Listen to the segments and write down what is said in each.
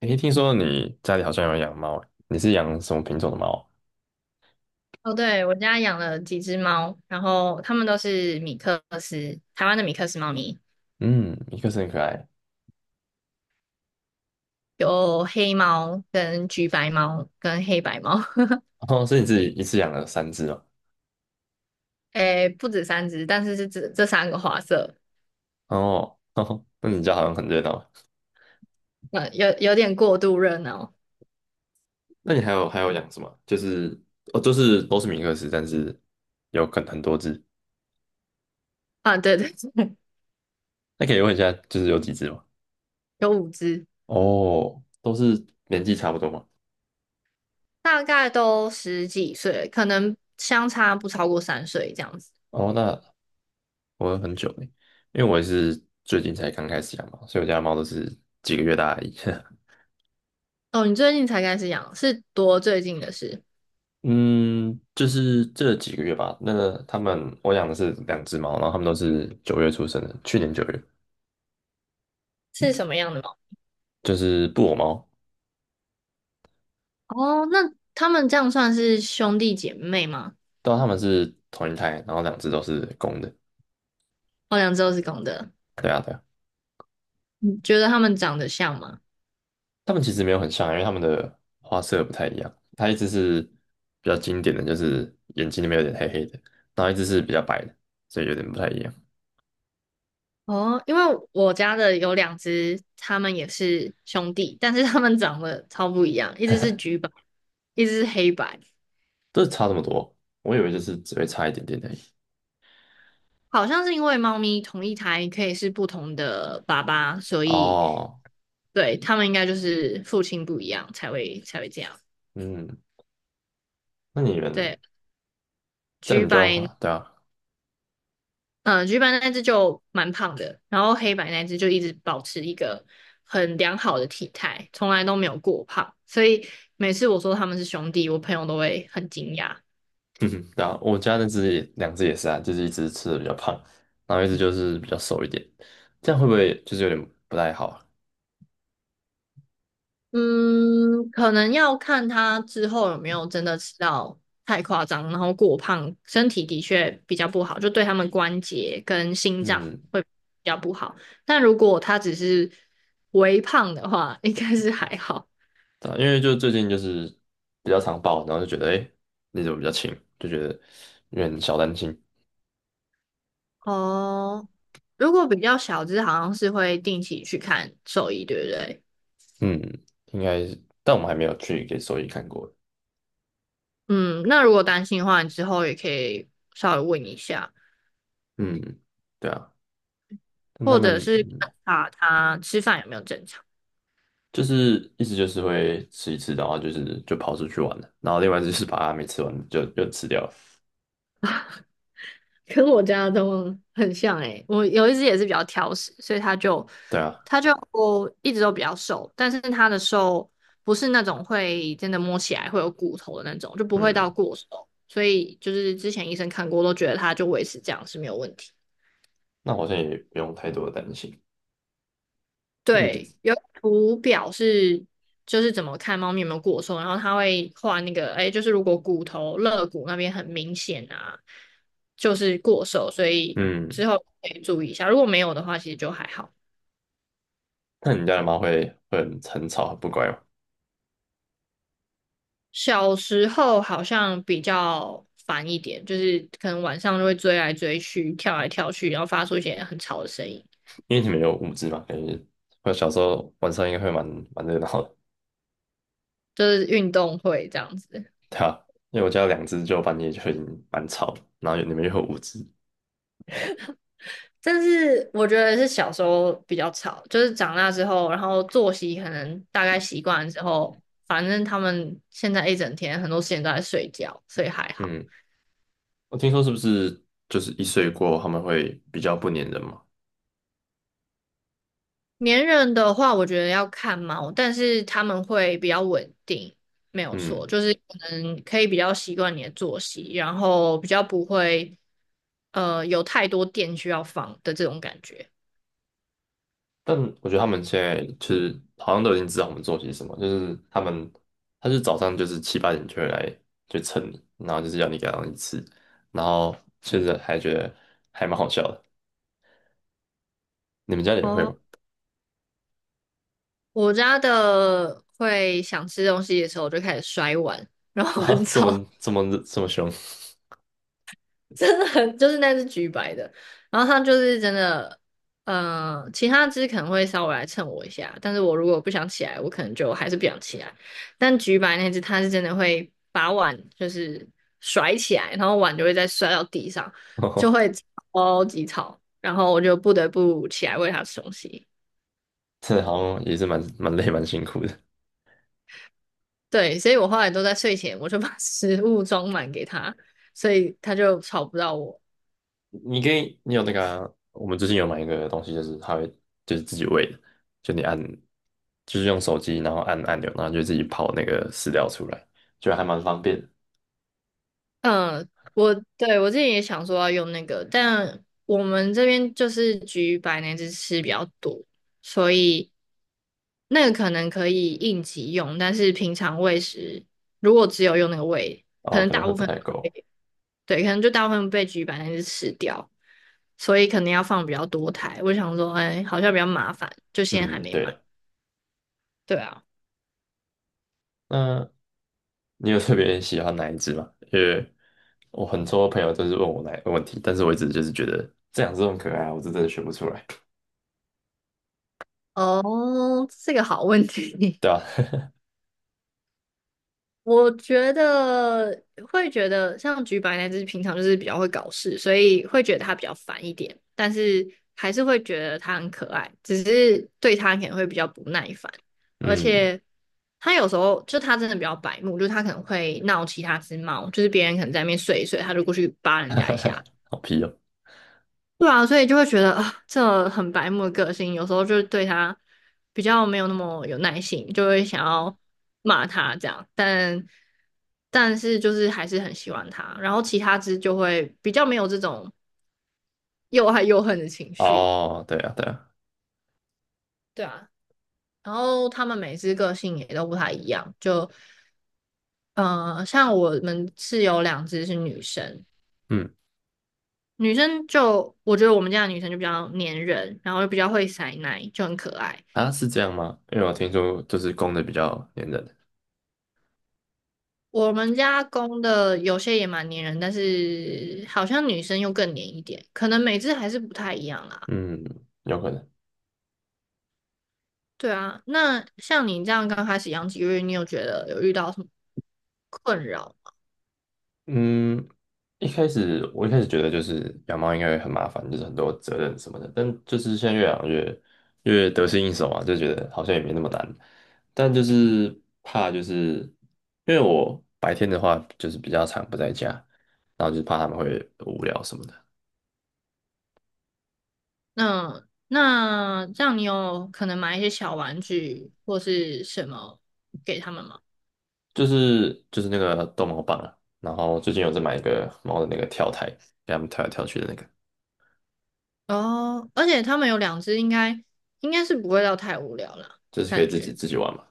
诶，听说你家里好像有养猫，你是养什么品种的猫啊。哦，对，我家养了几只猫，然后它们都是米克斯，台湾的米克斯猫咪，嗯，一个是很可爱。有黑猫、跟橘白猫、跟黑白猫，哦，所以你自己一次养了三只哦。诶，不止三只，但是是这三个花色，哦，哦那你家好像很热闹。有点过度热闹那你还有养什么？就是哦，就是都是米克斯，但是有很多只。啊，对对，那可以问一下，就是有几只吗？有五只，哦，都是年纪差不多吗？大概都十几岁，可能相差不超过三岁这样子。哦，那我很久嘞，因为我也是最近才刚开始养猫，所以我家的猫都是几个月大而已。哦，你最近才开始养，是多最近的事？嗯，就是这几个月吧。那个他们，我养的是两只猫，然后他们都是九月出生的，去年九月，是什么样的猫？就是布偶猫。哦，那它们这样算是兄弟姐妹吗？但他们是同一胎，然后两只都是公的。我两只都是公的。对啊，对啊。你觉得它们长得像吗？他们其实没有很像啊，因为他们的花色不太一样。它一只是比较经典的，就是眼睛里面有点黑黑的，然后一只是比较白的，所以有点不太一样。哦，因为我家的有两只，它们也是兄弟，但是它们长得超不一样，一只是橘白，一只是黑白。这差这么多，我以为就是只会差一点点而已。好像是因为猫咪同一胎可以是不同的爸爸，所以哦，对它们应该就是父亲不一样才会这样。嗯，那你们对，这样橘你就要画，白对啊。嗯，橘白那只就蛮胖的，然后黑白那只就一直保持一个很良好的体态，从来都没有过胖，所以每次我说他们是兄弟，我朋友都会很惊讶。嗯哼，对啊，我家那只也两只也是啊，就是一只吃的比较胖，然后一只就是比较瘦一点，这样会不会就是有点不太好啊。嗯，可能要看他之后有没有真的吃到太夸张，然后过胖，身体的确比较不好，就对他们关节跟心脏嗯，会比较不好。但如果他只是微胖的话，应该是还好。对啊，因为就最近就是比较常抱，然后就觉得哎，诶你怎么比较轻？就觉得有点小担心。哦，如果比较小只，好像是会定期去看兽医，对不对？嗯，应该是但我们还没有去给兽医看过。嗯，那如果担心的话，你之后也可以稍微问一下，嗯，对啊，但他或者们是观察它吃饭有没有正常。就是一直就是会吃一次，然后就是就跑出去玩了，然后另外一只就是把它没吃完就吃掉了。跟我家的都很像诶、我有一只也是比较挑食，所以它就对啊，它就一直都比较瘦，但是它的瘦不是那种会真的摸起来会有骨头的那种，就不会到嗯。过瘦，所以就是之前医生看过都觉得它就维持这样是没有问题。那好像也不用太多的担心。那你就对，有图表是就是怎么看猫咪有没有过瘦，然后它会画那个，哎，就是如果骨头肋骨那边很明显啊，就是过瘦，所以嗯，之后可以注意一下。如果没有的话，其实就还好。那你家的猫会很吵很不乖吗？小时候好像比较烦一点，就是可能晚上就会追来追去、跳来跳去，然后发出一些很吵的声音，因为你们有五只嘛，感觉我小时候晚上应该会蛮热闹的。就是运动会这样子。对啊，因为我家有两只就半夜就已经蛮吵了，然后你们又有五只。但是我觉得是小时候比较吵，就是长大之后，然后作息可能大概习惯了之后，反正他们现在一整天很多时间都在睡觉，所以还好。嗯，我听说是不是就是一岁过后他们会比较不粘人嘛？粘人的话，我觉得要看猫，但是他们会比较稳定，没有错，嗯。就是可能可以比较习惯你的作息，然后比较不会有太多电需要放的这种感觉。但我觉得他们现在就是好像都已经知道我们做些什么，就是他们，他就是早上就是七八点就会来就蹭你，然后就是要你给他东西吃，然后现实还觉得还蛮好笑的。你们家里也会哦，吗？我家的会想吃东西的时候就开始摔碗，然 后啊，很这吵。么这么这么凶。真的很就是那只橘白的，然后它就是真的。其他只可能会稍微来蹭我一下，但是我如果不想起来，我可能就还是不想起来。但橘白那只，它是真的会把碗就是甩起来，然后碗就会再摔到地上，就会 超级吵，然后我就不得不起来喂它吃东西。真的好像也是蛮累蛮辛苦的。对，所以我后来都在睡前我就把食物装满给它，所以它就吵不到我。你可以，你有那个啊，我们最近有买一个东西，就是它会就是自己喂的，就你按就是用手机，然后按按钮，然后就自己跑那个饲料出来，就还蛮方便的。嗯，我对我之前也想说要用那个，但我们这边就是橘白那只吃比较多，所以那个可能可以应急用，但是平常喂食如果只有用那个喂，可哦，能可能大会部不分太够。被对，可能就大部分被橘白那只吃掉，所以可能要放比较多台。我想说，哎，好像比较麻烦，就现在还嗯，没对买。了，对啊，那你有特别喜欢哪一只吗？因为我很多朋友都是问我哪一个问题，但是我一直就是觉得这两只很可爱啊我是真的选不出来。哦，这个好问题。对啊，我觉得会觉得像橘白那只平常就是比较会搞事，所以会觉得它比较烦一点，但是还是会觉得它很可爱，只是对它可能会比较不耐烦，而嗯，且它有时候就它真的比较白目，就是它可能会闹其他只猫，就是别人可能在那边睡一睡，它就过去扒人家一下，好皮哦。对啊，所以就会觉得啊，这很白目的个性，有时候就是对他比较没有那么有耐心，就会想要骂他这样，但是就是还是很喜欢他，然后其他只就会比较没有这种又爱又恨的情绪，哦，对啊，对啊，对啊，然后他们每只个性也都不太一样，像我们是有两只是女生，嗯，女生就我觉得我们家的女生就比较粘人，然后又比较会塞奶，就很可爱。啊，是这样吗？因为我听说就是公的比较粘人。我们家公的有些也蛮粘人，但是好像女生又更粘一点，可能每只还是不太一样啦。嗯，有可能。对啊，那像你这样刚开始养几个月，你有觉得有遇到什么困扰吗？嗯，一开始我一开始觉得就是养猫应该会很麻烦，就是很多责任什么的，但就是现在越养越越得心应手嘛，就觉得好像也没那么难。但就是怕就是因为我白天的话就是比较常不在家，然后就是怕他们会无聊什么的。那这样你有可能买一些小玩具或是什么给他们吗？就是那个逗猫棒啊，然后最近有在买一个猫的那个跳台，给他们跳来跳去的那个，哦，而且他们有两只，应该是不会到太无聊啦，就是可以感自己觉。自己玩嘛。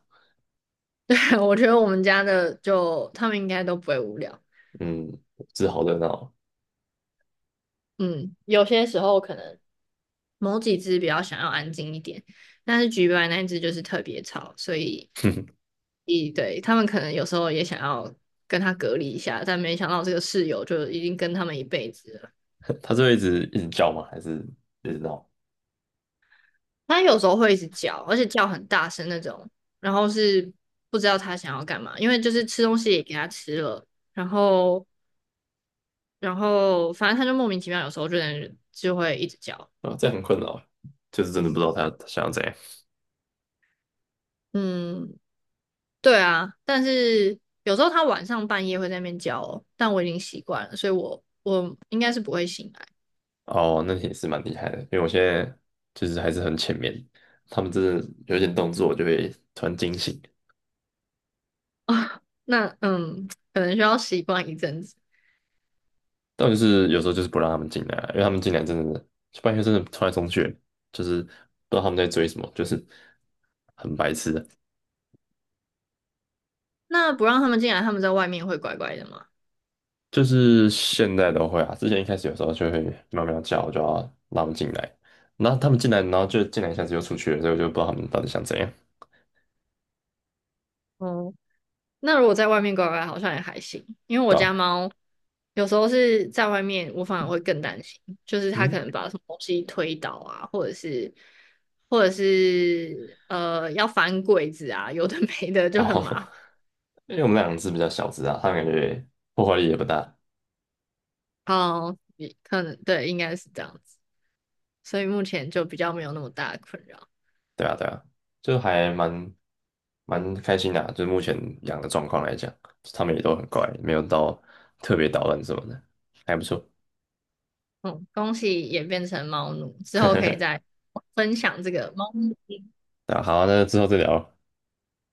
对，我觉得我们家的就他们应该都不会无聊。嗯，这好热闹哦。嗯，有些时候可能某几只比较想要安静一点，但是橘白那一只就是特别吵，所以，一对，他们可能有时候也想要跟它隔离一下，但没想到这个室友就已经跟他们一辈子了。它是会一直叫吗？还是一直闹？它有时候会一直叫，而且叫很大声那种，然后是不知道它想要干嘛，因为就是吃东西也给它吃了，然后，然后反正它就莫名其妙，有时候就会一直叫。啊，这样很困扰，就是真的不知道他想要怎样。嗯，对啊，但是有时候它晚上半夜会在那边叫哦但我已经习惯了，所以我应该是不会醒来哦，那也是蛮厉害的，因为我现在就是还是很浅面，他们真的有一点动作，我就会突然惊醒。啊。那嗯，可能需要习惯一阵子。但就是有时候就是不让他们进来啊，因为他们进来真的就半夜真的冲来冲去，就是不知道他们在追什么，就是很白痴的。那不让他们进来，他们在外面会乖乖的吗？就是现在都会啊，之前一开始有时候就会喵喵叫，我就要让他们进来，然后他们进来，然后就进来一下子又出去了，所以我就不知道他们到底想怎样。哦，那如果在外面乖乖，好像也还行，因为我家到，猫有时候是在外面，我反而会更担心，就是它可嗯。能把什么东西推倒啊，或者是要翻柜子啊，有的没的就很哦，麻烦。因为我们两只比较小只啊，它们感觉破坏力也不大。好，你可能对，应该是这样子，所以目前就比较没有那么大的困扰。对啊，对啊，就还蛮开心的啊就目前养的状况来讲，它们也都很乖，没有到特别捣乱什么的，还不错。嗯，恭喜也变成猫奴，之后可以再分享这个猫咪。那好啊，那之后再聊。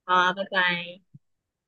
好啊，拜拜。